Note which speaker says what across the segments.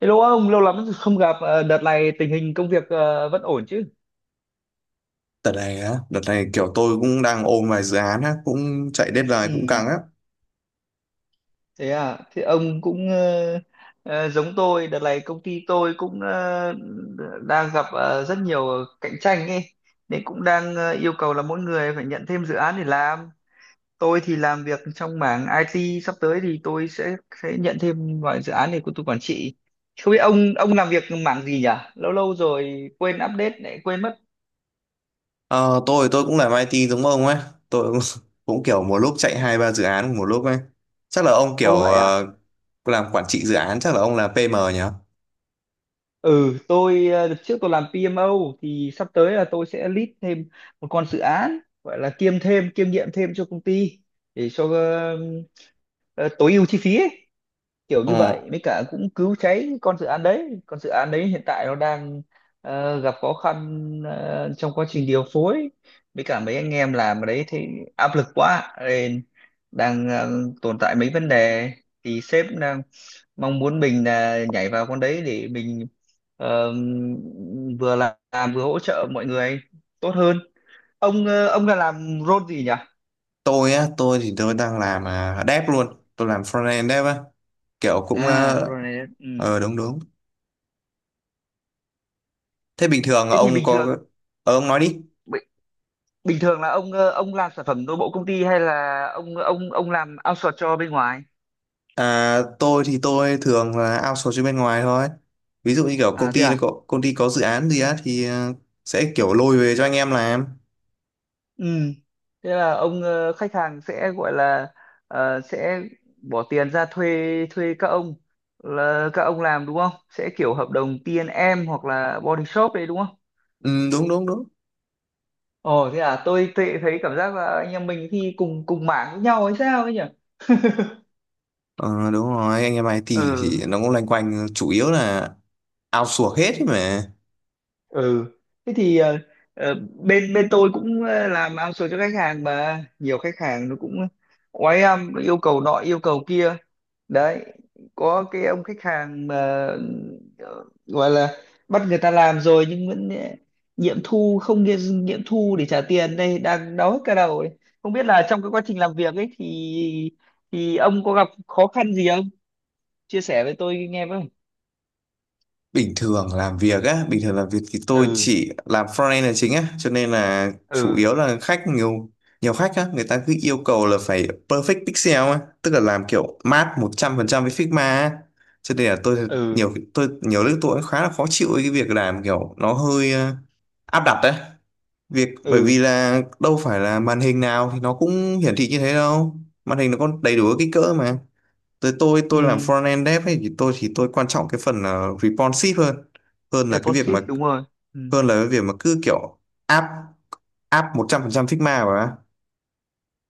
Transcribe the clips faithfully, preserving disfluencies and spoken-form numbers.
Speaker 1: Hello ông, lâu lắm rồi không gặp. Ờ, Đợt này tình hình công việc ờ, vẫn ổn chứ?
Speaker 2: Đợt này á, đợt này kiểu tôi cũng đang ôm vài dự án á, cũng chạy deadline cũng
Speaker 1: Ừ,
Speaker 2: căng á.
Speaker 1: thế à. Thế ông cũng ờ, ờ, giống tôi. Đợt này công ty tôi cũng ờ, đang gặp ờ, rất nhiều cạnh tranh ấy. Nên cũng đang ờ, yêu cầu là mỗi người phải nhận thêm dự án để làm. Tôi thì làm việc trong mảng i tê. Sắp tới thì tôi sẽ sẽ nhận thêm vài dự án để của tôi quản trị. Không biết ông ông làm việc mảng gì nhỉ? Lâu lâu rồi quên update lại quên mất.
Speaker 2: Ờ, tôi tôi cũng làm ai ti giống ông ấy, tôi cũng, cũng kiểu một lúc chạy hai ba dự án một lúc ấy. Chắc là ông kiểu
Speaker 1: Ô vậy à?
Speaker 2: ờ, làm quản trị dự án, chắc là ông là pi em nhỉ?
Speaker 1: Ừ, tôi ờ, đợt trước tôi làm pê em ô, thì sắp tới là tôi sẽ lead thêm một con dự án, gọi là kiêm thêm, kiêm nhiệm thêm cho công ty để cho ờ, ờ, tối ưu chi phí ấy, kiểu như
Speaker 2: Ờ,
Speaker 1: vậy mới cả cũng cứu cháy con dự án đấy con dự án đấy hiện tại nó đang ờ, gặp khó khăn ờ, trong quá trình điều phối với cả mấy anh em làm ở đấy, thì áp lực quá nên đang ờ, tồn tại mấy vấn đề, thì sếp đang mong muốn mình là nhảy vào con đấy để mình ờ, vừa làm, làm vừa hỗ trợ mọi người tốt hơn. Ông ờ, ông là làm role gì nhỉ?
Speaker 2: tôi á, tôi thì tôi đang làm à, dev luôn, tôi làm frontend dev á, kiểu cũng
Speaker 1: À
Speaker 2: ờ
Speaker 1: role này, ừ.
Speaker 2: ờ, đúng đúng. Thế bình thường
Speaker 1: Thế thì
Speaker 2: ông
Speaker 1: bình thường,
Speaker 2: có, ờ, ông nói đi.
Speaker 1: bình thường là ông ờ, ông làm sản phẩm nội bộ công ty hay là ông ông ông làm outsource cho bên ngoài?
Speaker 2: À, tôi thì tôi thường là outsource cho bên ngoài thôi. Ví dụ như kiểu công
Speaker 1: À thế
Speaker 2: ty nó
Speaker 1: à.
Speaker 2: có công ty có dự án gì á thì ờ, sẽ kiểu lôi về cho anh em làm.
Speaker 1: Ừ, thế là ông ờ, khách hàng sẽ gọi là ờ, sẽ bỏ tiền ra thuê, thuê các ông là các ông làm đúng không, sẽ kiểu hợp đồng ti en em hoặc là body shop đấy đúng không?
Speaker 2: Ừ, đúng đúng đúng.
Speaker 1: Ồ thế à, tôi tự thấy cảm giác là anh em mình thì cùng cùng mảng với nhau hay sao ấy nhỉ.
Speaker 2: Ờ, đúng rồi, anh em ai ti thì
Speaker 1: Ừ.
Speaker 2: nó cũng loanh quanh chủ yếu là outsource hết ấy mà.
Speaker 1: Ừ, thế thì ờ, ờ, bên bên tôi cũng ờ, làm outsource cho khách hàng, mà nhiều khách hàng nó cũng oái âm, nó yêu cầu nọ yêu cầu kia đấy. Có cái ông khách hàng mà ờ, gọi là bắt người ta làm rồi nhưng vẫn ờ, nghiệm thu không nghiệm, nghiệm thu để trả tiền, đây đang đau hết cả đầu ấy. Không biết là trong cái quá trình làm việc ấy thì thì ông có gặp khó khăn gì không, chia sẻ với tôi nghe với.
Speaker 2: Bình thường làm việc á bình thường làm việc thì tôi
Speaker 1: Ừ.
Speaker 2: chỉ làm frontend là chính á, cho nên là chủ
Speaker 1: Ừ.
Speaker 2: yếu là khách nhiều, nhiều khách á, người ta cứ yêu cầu là phải perfect pixel á, tức là làm kiểu mát một trăm phần trăm với Figma á, cho nên là tôi
Speaker 1: Ừ.
Speaker 2: nhiều tôi nhiều lúc tôi cũng khá là khó chịu với cái việc làm kiểu nó hơi ờ, áp đặt đấy việc, bởi
Speaker 1: Ừ.
Speaker 2: vì là đâu phải là màn hình nào thì nó cũng hiển thị như thế đâu, màn hình nó có đầy đủ các kích cỡ mà. Tới tôi tôi làm
Speaker 1: Ừ.
Speaker 2: front end dev ấy thì tôi thì tôi quan trọng cái phần là responsive hơn, hơn là cái việc mà
Speaker 1: Responsive đúng rồi, ừ.
Speaker 2: hơn là cái việc mà cứ kiểu áp áp một trăm phần trăm Figma mà.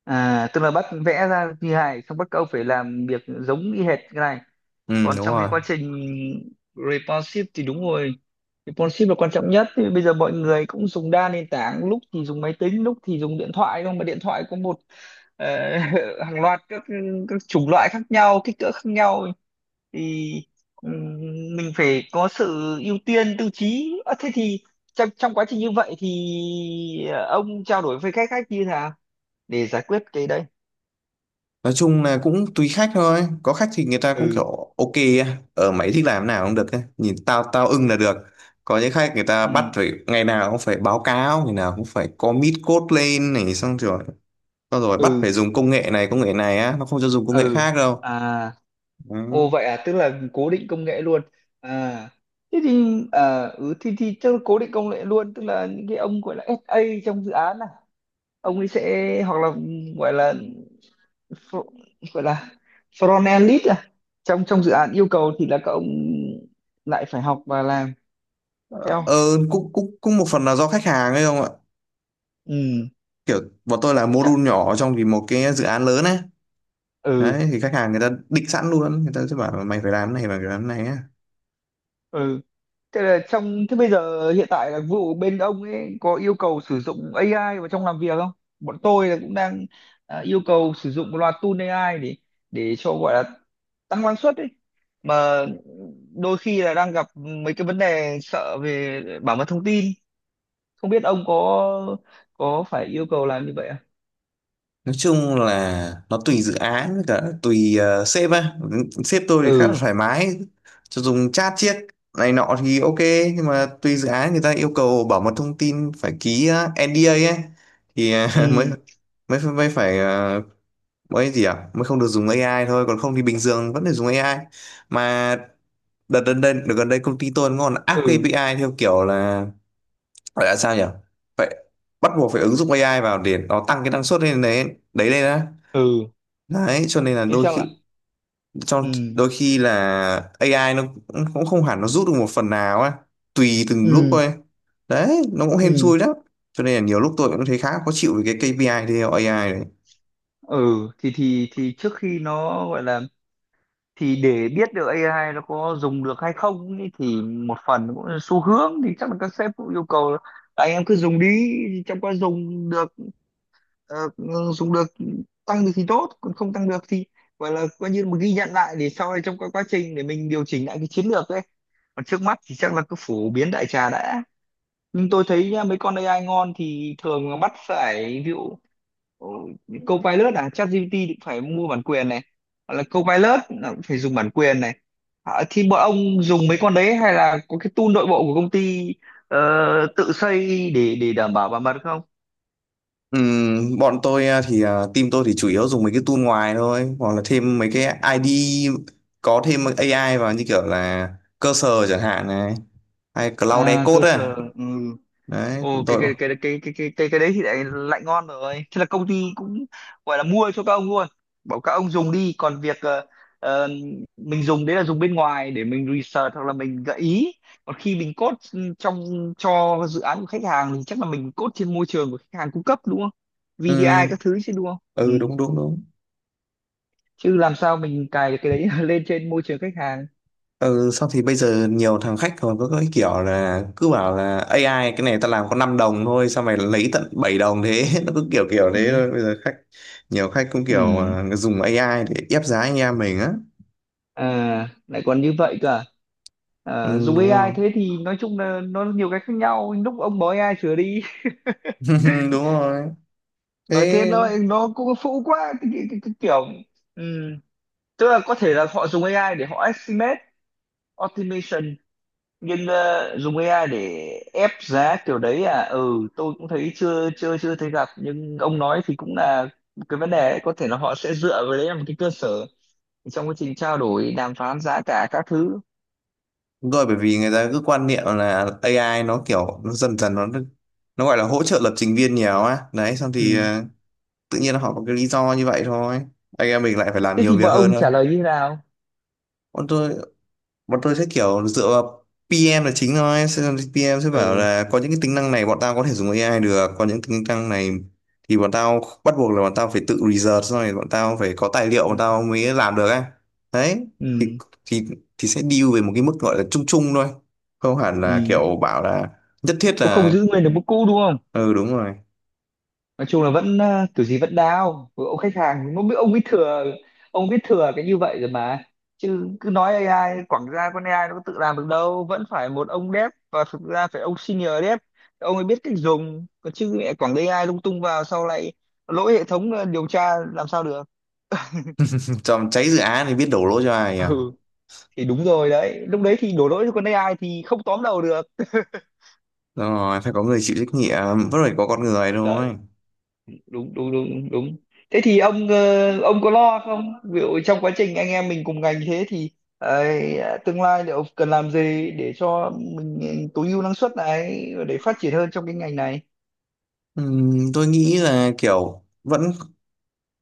Speaker 1: À tức là bắt vẽ ra như này, xong bắt các ông phải làm việc giống y hệt cái này.
Speaker 2: Ừ,
Speaker 1: Còn
Speaker 2: đúng
Speaker 1: trong cái
Speaker 2: rồi.
Speaker 1: quá trình responsive thì đúng rồi, responsive là quan trọng nhất, thì bây giờ mọi người cũng dùng đa nền tảng, lúc thì dùng máy tính lúc thì dùng điện thoại, không mà điện thoại có một ờ, hàng loạt các các chủng loại khác nhau, kích cỡ khác nhau, thì ừm, mình phải có sự ưu tiên tiêu chí. Ờ, thế thì trong, trong quá trình như vậy thì ờ, ông trao đổi với khách khách như thế nào để giải quyết cái đấy?
Speaker 2: Nói chung là cũng tùy khách thôi, có khách thì người ta cũng
Speaker 1: Ừ.
Speaker 2: kiểu ok á. Ở, mày thích làm nào cũng được ấy, nhìn tao tao ưng là được. Có những khách người ta bắt
Speaker 1: Ừ.
Speaker 2: phải ngày nào cũng phải báo cáo, ngày nào cũng phải commit code lên này, xong rồi xong rồi bắt
Speaker 1: Ừ.
Speaker 2: phải dùng công nghệ này, công nghệ này á, nó không cho dùng công nghệ
Speaker 1: Ừ.
Speaker 2: khác đâu.
Speaker 1: À.
Speaker 2: Ừ.
Speaker 1: Ồ vậy à, tức là cố định công nghệ luôn. À, thế thì à, ừ, thì thì chắc là cố định công nghệ luôn, tức là những cái ông gọi là ét a trong dự án này, ông ấy sẽ hoặc là gọi là fr- gọi là front end lead à. Trong trong dự án yêu cầu thì là các ông lại phải học và làm
Speaker 2: Ờ,
Speaker 1: theo.
Speaker 2: ừ, cũng cũng cũng một phần là do khách hàng ấy không ạ,
Speaker 1: Ừ,
Speaker 2: kiểu bọn tôi là
Speaker 1: chắc
Speaker 2: module nhỏ trong thì một cái dự án lớn ấy,
Speaker 1: ừ
Speaker 2: đấy thì khách hàng người ta định sẵn luôn, người ta sẽ bảo là mày phải làm cái này, mày phải làm cái này á.
Speaker 1: ừ. Thế là trong thế bây giờ hiện tại là vụ bên ông ấy có yêu cầu sử dụng ây ai vào trong làm việc không? Bọn tôi là cũng đang à, yêu cầu sử dụng một loạt tool ây ai để để cho gọi là tăng năng suất ấy. Mà đôi khi là đang gặp mấy cái vấn đề sợ về bảo mật thông tin. Không biết ông có có phải yêu cầu làm như vậy không?
Speaker 2: Nói chung là nó tùy dự án với cả tùy uh, sếp á, sếp tôi thì khá là
Speaker 1: Ừ.
Speaker 2: thoải mái, cho dùng chat chiếc này nọ thì ok, nhưng mà tùy dự án người ta yêu cầu bảo mật thông tin, phải ký uh, en đi ây ấy, thì uh, mới
Speaker 1: Ừ.
Speaker 2: mới mới phải ờ, mới gì ạ, mới không được dùng a i thôi, còn không thì bình thường vẫn phải dùng a i mà. Đợt gần đây đợt gần đây công ty tôi nó còn áp cái
Speaker 1: Ừ.
Speaker 2: a pê i theo kiểu là, gọi là sao nhỉ, phải bắt buộc phải ứng dụng a i vào để nó tăng cái năng suất lên đấy, đấy lên á.
Speaker 1: Ừ.
Speaker 2: Đấy cho nên là
Speaker 1: Thế
Speaker 2: đôi
Speaker 1: sao
Speaker 2: khi,
Speaker 1: lại?
Speaker 2: trong
Speaker 1: Ừ.
Speaker 2: đôi khi là a i nó cũng cũng không hẳn nó rút được một phần nào á, tùy từng lúc
Speaker 1: Ừ.
Speaker 2: thôi, đấy nó cũng hên
Speaker 1: Ừ.
Speaker 2: xui lắm. Cho nên là nhiều lúc tôi cũng thấy khá khó chịu với cái kây pi ai theo ây ai này.
Speaker 1: Ừ, thì thì thì trước khi nó gọi là, thì để biết được ây ai nó có dùng được hay không ý, thì một phần cũng là xu hướng, thì chắc là các sếp cũng yêu cầu là anh em cứ dùng đi, trong quá dùng được ờ, dùng được, tăng được thì tốt, còn không tăng được thì gọi là coi như một ghi nhận lại, để sau này trong các quá trình để mình điều chỉnh lại cái chiến lược đấy, còn trước mắt thì chắc là cứ phổ biến đại trà đã. Nhưng tôi thấy nhá, mấy con ây ai ngon thì thường là bắt phải, ví dụ Ồ, những Copilot à, ChatGPT cũng phải mua bản quyền này, hoặc là Copilot là cũng phải dùng bản quyền này. À, thì bọn ông dùng mấy con đấy hay là có cái tool nội bộ của công ty ờ, tự xây để để đảm bảo bảo mật không?
Speaker 2: Ừm, bọn tôi à, thì à, team tôi thì chủ yếu dùng mấy cái tool ngoài thôi, hoặc là thêm mấy cái ai đi có thêm a i vào, như kiểu là cursor chẳng hạn này, hay cloud
Speaker 1: À, cơ
Speaker 2: decode ấy.
Speaker 1: sở, ừ.
Speaker 2: Đấy bọn
Speaker 1: Ồ cái
Speaker 2: tôi.
Speaker 1: cái cái cái cái cái cái cái đấy thì lại lại ngon rồi. Thế là công ty cũng gọi là mua cho các ông luôn. Bảo các ông dùng đi, còn việc ờ, ờ, mình dùng đấy là dùng bên ngoài để mình research hoặc là mình gợi ý. Còn khi mình code trong cho dự án của khách hàng thì chắc là mình code trên môi trường của khách hàng cung cấp đúng không? vê đê i
Speaker 2: Ừm,
Speaker 1: các thứ chứ đúng không? Ừ.
Speaker 2: ừ, đúng đúng đúng.
Speaker 1: Chứ làm sao mình cài được cái đấy lên trên môi trường khách hàng.
Speaker 2: Ừ, sau thì bây giờ nhiều thằng khách còn có cái kiểu là cứ bảo là a i cái này ta làm có năm đồng thôi sao mày lấy tận bảy đồng thế. Nó cứ kiểu kiểu thế
Speaker 1: Ừ.
Speaker 2: thôi. Bây giờ khách nhiều khách cũng kiểu
Speaker 1: Ừ.
Speaker 2: à, dùng a i để ép giá anh em mình á.
Speaker 1: À, lại còn như vậy cơ. À? Ờ,
Speaker 2: Ừ,
Speaker 1: dùng
Speaker 2: đúng
Speaker 1: ây ai
Speaker 2: rồi.
Speaker 1: thế thì nói chung là nó nhiều cái khác nhau, lúc ông bỏ ây ai sửa đi.
Speaker 2: Đúng rồi.
Speaker 1: Nói thế
Speaker 2: Thế
Speaker 1: nó nó cũng phũ quá, cái, cái, cái, cái kiểu ừm, tức là có thể là họ dùng ây ai để họ estimate automation, nhưng ờ, dùng ây ai để ép giá kiểu đấy à, ừ tôi cũng thấy chưa chưa chưa thấy gặp, nhưng ông nói thì cũng là cái vấn đề ấy. Có thể là họ sẽ dựa vào đấy làm cái cơ sở trong quá trình trao đổi đàm phán giá cả các thứ.
Speaker 2: đúng rồi, bởi vì người ta cứ quan niệm là a i nó kiểu, nó dần dần nó nó gọi là hỗ trợ lập trình viên nhiều á, đấy xong thì
Speaker 1: Ừ.
Speaker 2: ờ, tự nhiên họ có cái lý do như vậy thôi, anh em mình lại phải làm
Speaker 1: Thế
Speaker 2: nhiều
Speaker 1: thì bọn
Speaker 2: việc hơn
Speaker 1: ông
Speaker 2: nữa.
Speaker 1: trả lời như thế nào?
Speaker 2: Còn tôi, bọn tôi sẽ kiểu dựa vào pi em là chính thôi, sẽ- pi em sẽ bảo
Speaker 1: Ừ.
Speaker 2: là có những cái tính năng này bọn tao có thể dùng a i được, có những tính năng này thì bọn tao bắt buộc là bọn tao phải tự research, xong rồi bọn tao phải có tài liệu, bọn tao mới làm được ấy. Đấy thì
Speaker 1: Ừ.
Speaker 2: thì thì sẽ deal về một cái mức gọi là chung chung thôi, không hẳn là
Speaker 1: Ừ.
Speaker 2: kiểu bảo là nhất thiết
Speaker 1: Cũng không
Speaker 2: là.
Speaker 1: giữ nguyên được mức cũ đúng không.
Speaker 2: Ừ, đúng rồi.
Speaker 1: Nói chung là vẫn à, kiểu gì vẫn đao. Với ông khách hàng nó biết, ông biết thừa ông biết thừa cái như vậy rồi mà, chứ cứ nói ây ai quảng ra, con ây ai nó có tự làm được đâu, vẫn phải một ông dev, và thực ra phải ông senior dev, ông ấy biết cách dùng còn chứ mẹ quảng ây ai lung tung vào sau lại lỗi hệ thống, ờ, điều tra làm sao được.
Speaker 2: Trong cháy dự án thì biết đổ lỗi cho ai à.
Speaker 1: Ừ thì đúng rồi đấy, lúc đấy thì đổ lỗi cho con ây ai thì không tóm đầu được.
Speaker 2: Đúng rồi, phải có người chịu trách nhiệm, vẫn phải có con người thôi.
Speaker 1: Đấy. Đúng đúng đúng đúng. Thế thì ông ờ, ông có lo không, ví dụ trong quá trình anh em mình cùng ngành, thế thì ờ, tương lai liệu cần làm gì để cho mình, ừ, tối ưu năng suất này để phát triển hơn trong cái ngành này.
Speaker 2: Ừm, tôi nghĩ là kiểu vẫn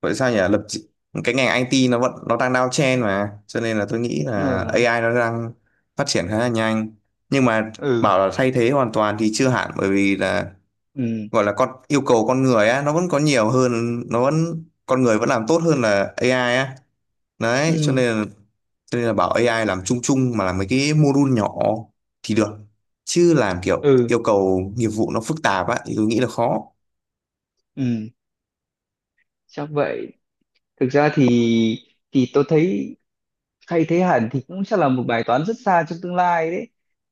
Speaker 2: vậy sao nhỉ, lập chị- cái ngành i tê nó vẫn, nó đang downtrend mà, cho nên là tôi nghĩ
Speaker 1: Ừ.
Speaker 2: là a i nó đang phát triển khá là nhanh, nhưng mà
Speaker 1: Ừ.
Speaker 2: bảo là thay thế hoàn toàn thì chưa hẳn, bởi vì là
Speaker 1: Ừ.
Speaker 2: gọi là con yêu cầu con người á nó vẫn có nhiều hơn, nó vẫn con người vẫn làm tốt hơn là a i á. Đấy cho
Speaker 1: Ừ.
Speaker 2: nên là, cho nên là bảo a i làm chung chung mà làm mấy cái module nhỏ thì được, chứ làm kiểu
Speaker 1: Ừ,
Speaker 2: yêu cầu nghiệp vụ nó phức tạp á thì tôi nghĩ là khó.
Speaker 1: ừ. Chắc vậy. Thực ra thì thì tôi thấy thay thế hẳn thì cũng sẽ là một bài toán rất xa trong tương lai đấy,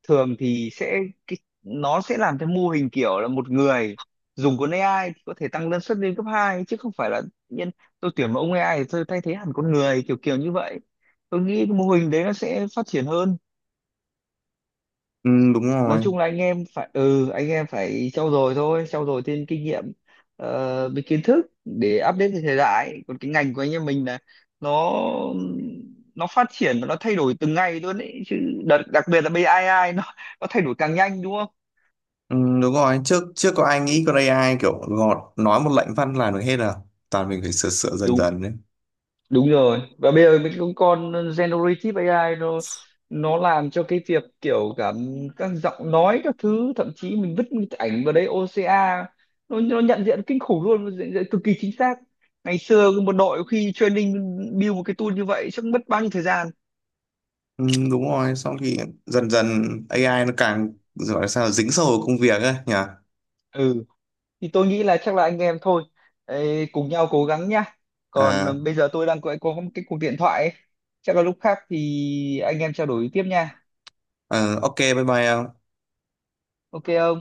Speaker 1: thường thì sẽ cái, nó sẽ làm theo mô hình kiểu là một người dùng con ây ai thì có thể tăng năng suất lên cấp hai, chứ không phải là tự nhiên tôi tuyển một ông ây ai thì tôi thay thế hẳn con người kiểu kiểu như vậy. Tôi nghĩ cái mô hình đấy nó sẽ phát triển hơn.
Speaker 2: Ừ, đúng
Speaker 1: Nói
Speaker 2: rồi.
Speaker 1: chung là anh em phải ừ, anh em phải trau dồi thôi, trau dồi thêm kinh nghiệm ờ, với kiến thức để update với thời đại, còn cái ngành của anh em mình là nó nó phát triển và nó thay đổi từng ngày luôn ấy chứ. Đặc, đặc biệt là bê i, nó nó thay đổi càng nhanh đúng không.
Speaker 2: Ừ, đúng rồi, trước trước có ai nghĩ con a i kiểu gọt, nói một lệnh văn làm được hết à, toàn mình phải sửa sửa dần
Speaker 1: Đúng,
Speaker 2: dần đấy.
Speaker 1: đúng rồi. Và bây giờ mình cũng còn generative ây ai, nó nó làm cho cái việc kiểu cả các giọng nói các thứ, thậm chí mình vứt một cái ảnh vào đấy, ô xê a nó nó nhận diện kinh khủng luôn, nó nhận diện cực kỳ chính xác. Ngày xưa một đội khi training build một cái tool như vậy chắc mất bao nhiêu thời gian.
Speaker 2: Ừ, đúng rồi, xong thì dần dần a i nó càng gọi là sao dính sâu vào công việc ấy nhỉ.
Speaker 1: Ừ, thì tôi nghĩ là chắc là anh em thôi. Ê, cùng nhau cố gắng nhá, còn ờ,
Speaker 2: à,
Speaker 1: bây giờ tôi đang có, có một cái cuộc điện thoại ấy. Chắc là lúc khác thì anh em trao đổi tiếp nha.
Speaker 2: ờ, ok, bye bye em.
Speaker 1: Ok không.